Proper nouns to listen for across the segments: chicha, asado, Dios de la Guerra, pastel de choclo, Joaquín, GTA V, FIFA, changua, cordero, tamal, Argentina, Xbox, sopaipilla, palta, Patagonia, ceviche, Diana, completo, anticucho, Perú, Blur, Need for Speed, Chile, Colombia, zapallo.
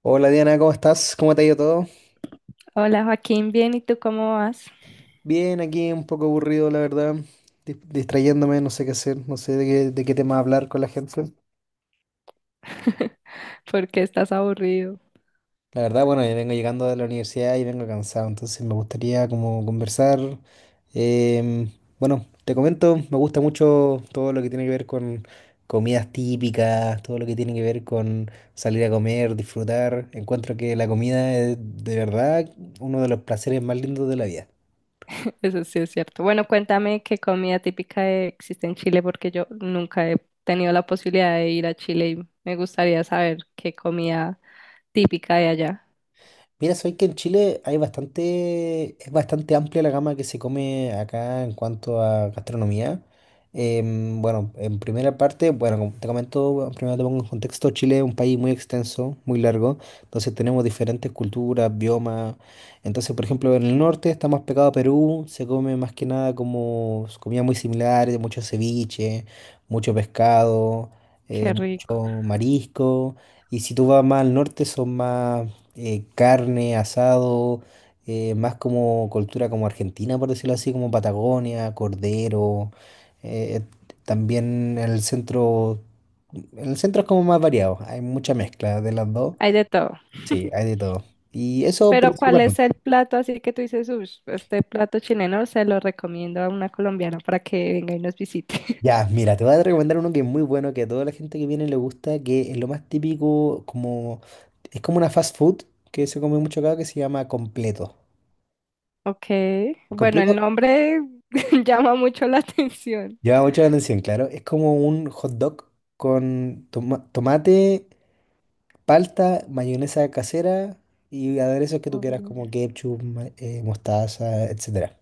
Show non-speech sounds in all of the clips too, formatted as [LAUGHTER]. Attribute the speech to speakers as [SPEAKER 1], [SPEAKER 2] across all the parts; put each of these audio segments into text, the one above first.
[SPEAKER 1] Hola Diana, ¿cómo estás? ¿Cómo te ha ido todo?
[SPEAKER 2] Hola Joaquín, bien, ¿y tú cómo vas?
[SPEAKER 1] Bien, aquí un poco aburrido, la verdad, distrayéndome, no sé qué hacer, no sé de qué tema hablar con la gente.
[SPEAKER 2] [LAUGHS] ¿Por qué estás aburrido?
[SPEAKER 1] La verdad, bueno, yo vengo llegando de la universidad y vengo cansado, entonces me gustaría como conversar. em, bueno, te comento, me gusta mucho todo lo que tiene que ver con comidas típicas, todo lo que tiene que ver con salir a comer, disfrutar. Encuentro que la comida es de verdad uno de los placeres más lindos de la vida.
[SPEAKER 2] [LAUGHS] Eso sí es cierto. Bueno, cuéntame qué comida típica existe en Chile, porque yo nunca he tenido la posibilidad de ir a Chile y me gustaría saber qué comida típica hay allá.
[SPEAKER 1] Mira, sabéis que en Chile hay bastante, es bastante amplia la gama que se come acá en cuanto a gastronomía. Bueno, en primera parte, bueno, como te comento, bueno, primero te pongo en contexto, Chile es un país muy extenso, muy largo, entonces tenemos diferentes culturas, biomas. Entonces, por ejemplo, en el norte está más pegado a Perú, se come más que nada como comida muy similar, mucho ceviche, mucho pescado,
[SPEAKER 2] Qué rico.
[SPEAKER 1] mucho marisco. Y si tú vas más al norte, son más carne, asado, más como cultura como Argentina, por decirlo así, como Patagonia, Cordero. eh, eh, También en el centro es como más variado, hay mucha mezcla de las dos.
[SPEAKER 2] Hay de todo.
[SPEAKER 1] Sí, hay de todo. Y eso
[SPEAKER 2] Pero ¿cuál es
[SPEAKER 1] principalmente.
[SPEAKER 2] el plato así que tú dices, uff, este plato chileno se lo recomiendo a una colombiana para que venga y nos visite? [LAUGHS]
[SPEAKER 1] Ya, mira, te voy a recomendar uno que es muy bueno, que a toda la gente que viene le gusta, que es lo más típico, como es como una fast food que se come mucho acá, que se llama completo.
[SPEAKER 2] Ok, bueno,
[SPEAKER 1] Completo.
[SPEAKER 2] el nombre [LAUGHS] llama mucho la atención.
[SPEAKER 1] Llama mucho la atención, claro. Es como un hot dog con tomate, palta, mayonesa casera y aderezos que tú
[SPEAKER 2] Por
[SPEAKER 1] quieras,
[SPEAKER 2] Dios.
[SPEAKER 1] como ketchup, mostaza, etcétera.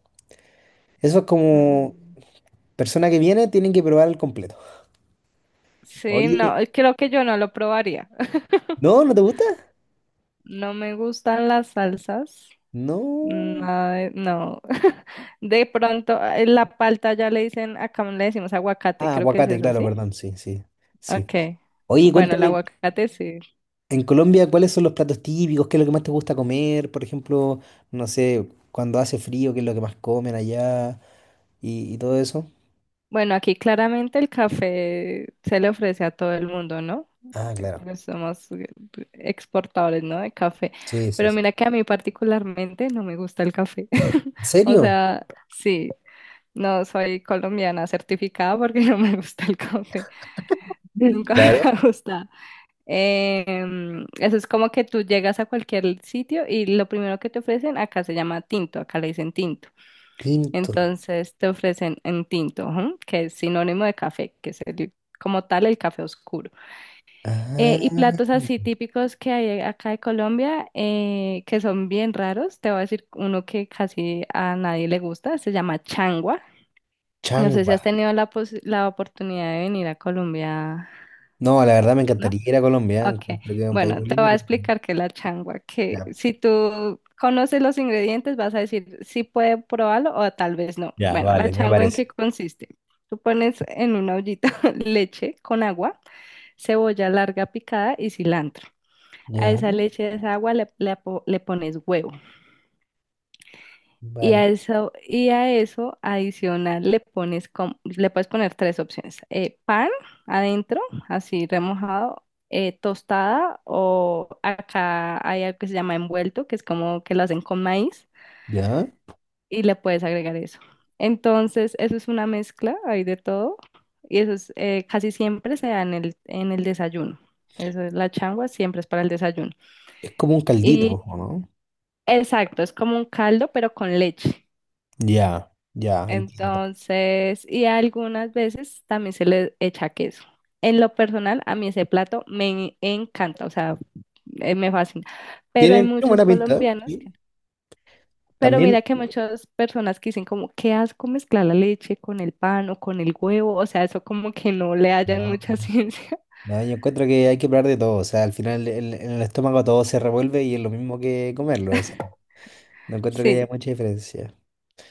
[SPEAKER 1] Eso es, como
[SPEAKER 2] Mm.
[SPEAKER 1] persona que viene tienen que probar el completo.
[SPEAKER 2] Sí, no,
[SPEAKER 1] Oye,
[SPEAKER 2] creo que yo no lo probaría.
[SPEAKER 1] ¿no? ¿No te gusta?
[SPEAKER 2] No me gustan las salsas.
[SPEAKER 1] No.
[SPEAKER 2] Nada de- No. [LAUGHS] De pronto, la palta ya le dicen, acá le decimos aguacate,
[SPEAKER 1] Ah,
[SPEAKER 2] creo que es
[SPEAKER 1] aguacate,
[SPEAKER 2] eso,
[SPEAKER 1] claro,
[SPEAKER 2] ¿sí?
[SPEAKER 1] perdón, sí, sí, sí.
[SPEAKER 2] Ok.
[SPEAKER 1] Oye,
[SPEAKER 2] Bueno, el
[SPEAKER 1] cuéntame,
[SPEAKER 2] aguacate sí.
[SPEAKER 1] en Colombia, ¿cuáles son los platos típicos? ¿Qué es lo que más te gusta comer? Por ejemplo, no sé, cuando hace frío, ¿qué es lo que más comen allá? Y todo eso.
[SPEAKER 2] Bueno, aquí claramente el café se le ofrece a todo el mundo, ¿no?
[SPEAKER 1] Ah, claro.
[SPEAKER 2] Porque somos exportadores, ¿no? De café.
[SPEAKER 1] Sí, sí,
[SPEAKER 2] Pero
[SPEAKER 1] sí.
[SPEAKER 2] mira que a mí particularmente no me gusta el café. [LAUGHS]
[SPEAKER 1] ¿En
[SPEAKER 2] O
[SPEAKER 1] serio?
[SPEAKER 2] sea, sí, no soy colombiana certificada porque [LAUGHS] no me gusta el café.
[SPEAKER 1] Sí.
[SPEAKER 2] Nunca [LAUGHS] me
[SPEAKER 1] Claro.
[SPEAKER 2] ha gustado. Eso es como que tú llegas a cualquier sitio y lo primero que te ofrecen, acá se llama tinto, acá le dicen tinto.
[SPEAKER 1] Tinto.
[SPEAKER 2] Entonces te ofrecen en tinto, ujú, que es sinónimo de café, que es como tal el café oscuro. Y
[SPEAKER 1] Ah,
[SPEAKER 2] platos así típicos que hay acá de Colombia, que son bien raros, te voy a decir uno que casi a nadie le gusta, se llama changua. No sé si has
[SPEAKER 1] changua.
[SPEAKER 2] tenido la oportunidad de venir a Colombia.
[SPEAKER 1] No, la verdad me
[SPEAKER 2] ¿No?
[SPEAKER 1] encantaría ir a Colombia. ¿Eh?
[SPEAKER 2] Ok,
[SPEAKER 1] Encuentro que es un país
[SPEAKER 2] bueno,
[SPEAKER 1] muy
[SPEAKER 2] te voy
[SPEAKER 1] lindo,
[SPEAKER 2] a
[SPEAKER 1] pero no.
[SPEAKER 2] explicar qué es la changua, que
[SPEAKER 1] Ya.
[SPEAKER 2] si tú conoces los ingredientes vas a decir si puede probarlo o tal vez no.
[SPEAKER 1] Ya,
[SPEAKER 2] Bueno, la
[SPEAKER 1] vale, me
[SPEAKER 2] changua en
[SPEAKER 1] parece.
[SPEAKER 2] qué consiste. Tú pones en una ollita [LAUGHS] leche con agua, cebolla larga picada y cilantro. A
[SPEAKER 1] Ya,
[SPEAKER 2] esa leche, a esa agua le pones huevo. Y a
[SPEAKER 1] vale.
[SPEAKER 2] eso, y a eso adicional le puedes poner tres opciones. Pan adentro, así remojado, tostada, o acá hay algo que se llama envuelto, que es como que lo hacen con maíz,
[SPEAKER 1] Ya.
[SPEAKER 2] y le puedes agregar eso. Entonces, eso es una mezcla, hay de todo, y eso es, casi siempre se da en el desayuno. Eso es, la changua siempre es para el desayuno.
[SPEAKER 1] Es como un caldito, ¿o
[SPEAKER 2] Y
[SPEAKER 1] no?
[SPEAKER 2] exacto, es como un caldo, pero con leche.
[SPEAKER 1] Ya, ya, entiendo.
[SPEAKER 2] Entonces, y algunas veces también se le echa queso. En lo personal, a mí ese plato me encanta, o sea, me fascina. Pero hay
[SPEAKER 1] Tienen
[SPEAKER 2] muchos
[SPEAKER 1] buena pinta, ¿eh?
[SPEAKER 2] colombianos
[SPEAKER 1] ¿Sí?
[SPEAKER 2] que no. Pero
[SPEAKER 1] También.
[SPEAKER 2] mira que muchas personas que dicen como, qué asco mezclar la leche con el pan o con el huevo, o sea, eso como que no le hallan mucha [LAUGHS]
[SPEAKER 1] No,
[SPEAKER 2] ciencia.
[SPEAKER 1] no, yo encuentro que hay que probar de todo. O sea, al final en el estómago todo se revuelve y es lo mismo que comerlo. O sea, no encuentro que haya
[SPEAKER 2] Sí,
[SPEAKER 1] mucha diferencia.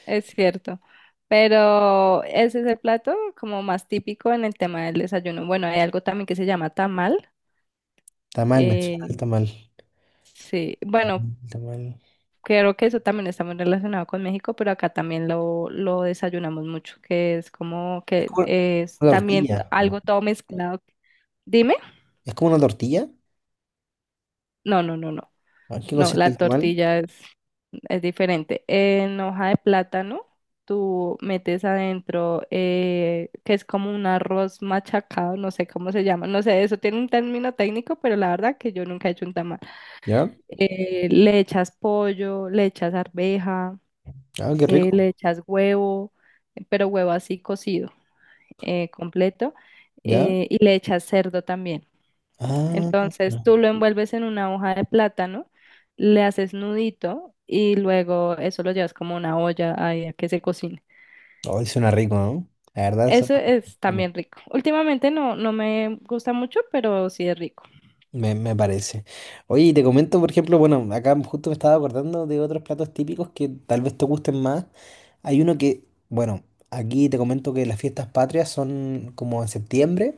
[SPEAKER 2] es cierto. Pero ese es el plato como más típico en el tema del desayuno. Bueno, hay algo también que se llama tamal.
[SPEAKER 1] Está mal, me suena
[SPEAKER 2] eh,
[SPEAKER 1] el tamal.
[SPEAKER 2] sí, bueno,
[SPEAKER 1] Tamal, tamal.
[SPEAKER 2] creo que eso también está muy relacionado con México, pero acá también lo desayunamos mucho, que es como
[SPEAKER 1] Es
[SPEAKER 2] que
[SPEAKER 1] como
[SPEAKER 2] es
[SPEAKER 1] una
[SPEAKER 2] también
[SPEAKER 1] tortilla, ¿o no?
[SPEAKER 2] algo todo mezclado. Dime,
[SPEAKER 1] ¿Es como una tortilla?
[SPEAKER 2] no, no, no, no,
[SPEAKER 1] ¿A qué
[SPEAKER 2] no,
[SPEAKER 1] consiste
[SPEAKER 2] la
[SPEAKER 1] el tamal?
[SPEAKER 2] tortilla es diferente. En hoja de plátano, tú metes adentro, que es como un arroz machacado, no sé cómo se llama, no sé, eso tiene un término técnico, pero la verdad que yo nunca he hecho un tamal.
[SPEAKER 1] ¿Ya?
[SPEAKER 2] Le echas pollo, le echas arveja.
[SPEAKER 1] Ah, qué rico.
[SPEAKER 2] Le echas huevo, pero huevo así cocido, completo,
[SPEAKER 1] ¿Ya?
[SPEAKER 2] y le echas cerdo también.
[SPEAKER 1] Ah,
[SPEAKER 2] Entonces tú lo envuelves en una hoja de plátano, le haces nudito y luego eso lo llevas como a una olla ahí a que se cocine.
[SPEAKER 1] hoy suena rico, ¿no? La verdad, suena
[SPEAKER 2] Eso es
[SPEAKER 1] bueno,
[SPEAKER 2] también rico. Últimamente no, no me gusta mucho, pero sí es rico.
[SPEAKER 1] me parece. Oye, y te comento, por ejemplo, bueno, acá justo me estaba acordando de otros platos típicos que tal vez te gusten más. Hay uno que, bueno, aquí te comento que las fiestas patrias son como en septiembre,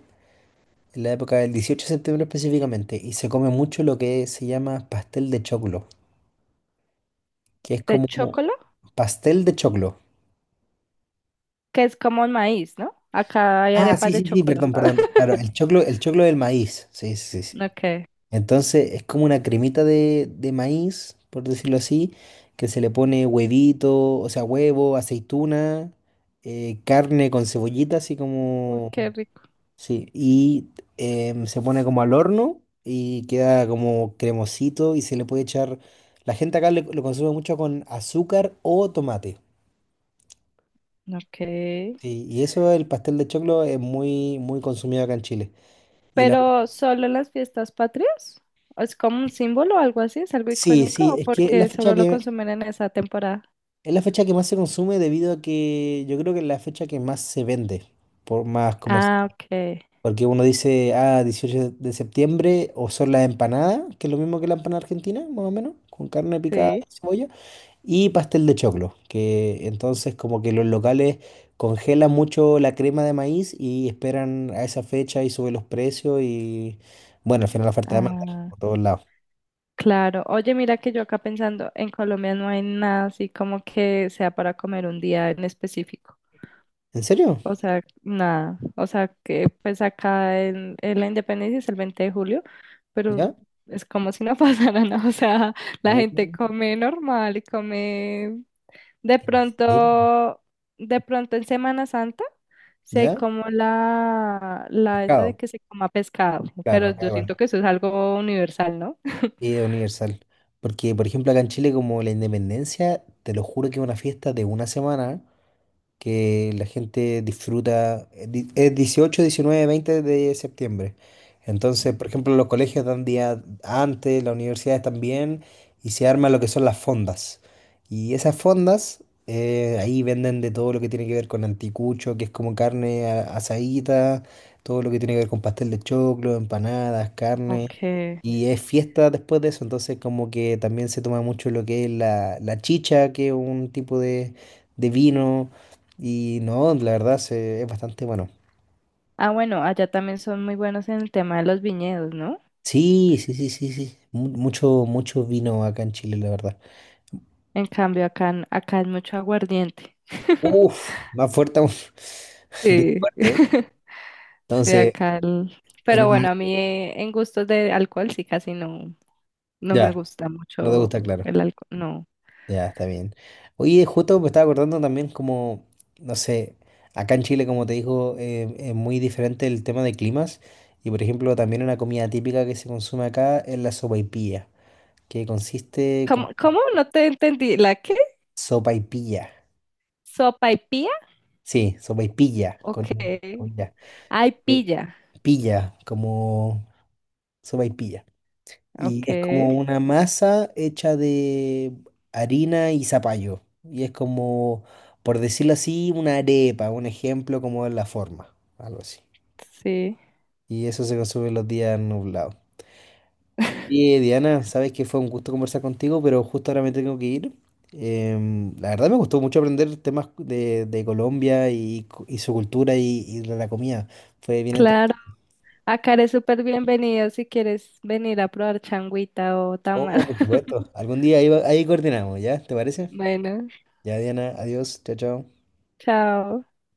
[SPEAKER 1] en la época del 18 de septiembre específicamente, y se come mucho lo que se llama pastel de choclo. Que es
[SPEAKER 2] De
[SPEAKER 1] como un
[SPEAKER 2] chocolo,
[SPEAKER 1] pastel de choclo.
[SPEAKER 2] que es como el maíz, ¿no? Acá hay
[SPEAKER 1] Ah, sí,
[SPEAKER 2] arepas de
[SPEAKER 1] sí, sí,
[SPEAKER 2] chocolo.
[SPEAKER 1] perdón, perdón.
[SPEAKER 2] [LAUGHS]
[SPEAKER 1] Claro, el choclo del maíz. Sí, sí, sí. Sí.
[SPEAKER 2] Ok.
[SPEAKER 1] Entonces es como una cremita de maíz, por decirlo así, que se le pone huevito, o sea, huevo, aceituna, carne con cebollita, así
[SPEAKER 2] Uy,
[SPEAKER 1] como...
[SPEAKER 2] qué rico.
[SPEAKER 1] Sí, y se pone como al horno y queda como cremosito y se le puede echar... La gente acá lo consume mucho con azúcar o tomate.
[SPEAKER 2] Ok.
[SPEAKER 1] Sí, y eso, el pastel de choclo es muy, muy consumido acá en Chile. Y la,
[SPEAKER 2] Pero solo en las fiestas patrias, ¿o es como un símbolo o algo así, es algo
[SPEAKER 1] sí,
[SPEAKER 2] icónico,
[SPEAKER 1] sí,
[SPEAKER 2] o
[SPEAKER 1] es que es
[SPEAKER 2] porque solo lo consumen en esa temporada?
[SPEAKER 1] es la fecha que más se consume debido a que yo creo que es la fecha que más se vende, por más comercio.
[SPEAKER 2] Ah, ok,
[SPEAKER 1] Porque uno dice, ah, 18 de septiembre, o son las empanadas, que es lo mismo que la empanada argentina, más o menos, con carne picada
[SPEAKER 2] sí,
[SPEAKER 1] y cebolla. Y pastel de choclo, que entonces como que los locales congelan mucho la crema de maíz y esperan a esa fecha y suben los precios y bueno, al final la oferta de demanda
[SPEAKER 2] ah,
[SPEAKER 1] por todos lados.
[SPEAKER 2] claro. Oye, mira que yo acá pensando, en Colombia no hay nada así como que sea para comer un día en específico.
[SPEAKER 1] ¿En serio?
[SPEAKER 2] O sea, nada. O sea, que pues acá en la Independencia es el 20 de julio, pero
[SPEAKER 1] ¿Ya?
[SPEAKER 2] es como si no [LAUGHS] pasara nada. O sea, la
[SPEAKER 1] Uh,
[SPEAKER 2] gente come normal y come. De
[SPEAKER 1] ¿En serio?
[SPEAKER 2] pronto, de pronto en Semana Santa se
[SPEAKER 1] ¿Ya?
[SPEAKER 2] como la esta de
[SPEAKER 1] Pescado.
[SPEAKER 2] que se coma pescado,
[SPEAKER 1] Claro,
[SPEAKER 2] pero
[SPEAKER 1] acá
[SPEAKER 2] yo siento
[SPEAKER 1] igual.
[SPEAKER 2] que eso es algo universal, ¿no?
[SPEAKER 1] Y es universal. Porque, por ejemplo, acá en Chile como la independencia, te lo juro que es una fiesta de una semana que la gente disfruta, es 18, 19, 20 de septiembre. Entonces, por ejemplo, los colegios dan día antes, las universidades también, y se arma lo que son las fondas. Y esas fondas, ahí venden de todo lo que tiene que ver con anticucho, que es como carne asadita, todo lo que tiene que ver con pastel de choclo, empanadas, carne.
[SPEAKER 2] Okay.
[SPEAKER 1] Y es fiesta después de eso, entonces como que también se toma mucho lo que es la chicha, que es un tipo de vino y no, la verdad es bastante bueno.
[SPEAKER 2] Ah, bueno, allá también son muy buenos en el tema de los viñedos, ¿no?
[SPEAKER 1] Sí, sí, sí, sí, sí. Mucho, mucho vino acá en Chile, la verdad.
[SPEAKER 2] En cambio, acá, acá es mucho aguardiente. [LAUGHS]
[SPEAKER 1] Uf, más fuerte aún. [LAUGHS] Bien
[SPEAKER 2] Sí,
[SPEAKER 1] fuerte, ¿eh?
[SPEAKER 2] [LAUGHS] sí,
[SPEAKER 1] Entonces,
[SPEAKER 2] acá.
[SPEAKER 1] en
[SPEAKER 2] Pero bueno, a
[SPEAKER 1] una...
[SPEAKER 2] mí en gustos de alcohol sí casi no, no me
[SPEAKER 1] Ya,
[SPEAKER 2] gusta
[SPEAKER 1] no te
[SPEAKER 2] mucho
[SPEAKER 1] gusta, claro.
[SPEAKER 2] el alcohol, no.
[SPEAKER 1] Ya, está bien. Oye, justo me estaba acordando también como, no sé, acá en Chile, como te digo, es muy diferente el tema de climas. Y, por ejemplo, también una comida típica que se consume acá es la sopaipilla, que consiste como
[SPEAKER 2] ¿Cómo, cómo? No te entendí. ¿La qué?
[SPEAKER 1] sopaipilla.
[SPEAKER 2] ¿Sopa y pilla?
[SPEAKER 1] Sí, sopaipilla, con,
[SPEAKER 2] Ok.
[SPEAKER 1] con ya.
[SPEAKER 2] Ay,
[SPEAKER 1] Eh,
[SPEAKER 2] pilla.
[SPEAKER 1] Pilla, como sopaipilla. Y es
[SPEAKER 2] Ok.
[SPEAKER 1] como una masa hecha de harina y zapallo. Y es como, por decirlo así, una arepa, un ejemplo como en la forma, algo así.
[SPEAKER 2] Sí.
[SPEAKER 1] Y eso se consume los días nublados.
[SPEAKER 2] [LAUGHS]
[SPEAKER 1] Y Diana, sabes que fue un gusto conversar contigo, pero justo ahora me tengo que ir. La verdad me gustó mucho aprender temas de Colombia y, y su cultura y de la comida. Fue bien entretenido.
[SPEAKER 2] Claro. Acá eres súper bienvenido si quieres venir a probar changuita o tamal.
[SPEAKER 1] Oh, por supuesto.
[SPEAKER 2] [LAUGHS]
[SPEAKER 1] Algún día ahí, ahí coordinamos, ¿ya? ¿Te parece?
[SPEAKER 2] Bueno,
[SPEAKER 1] Ya, Diana, adiós, chao, chao.
[SPEAKER 2] chao.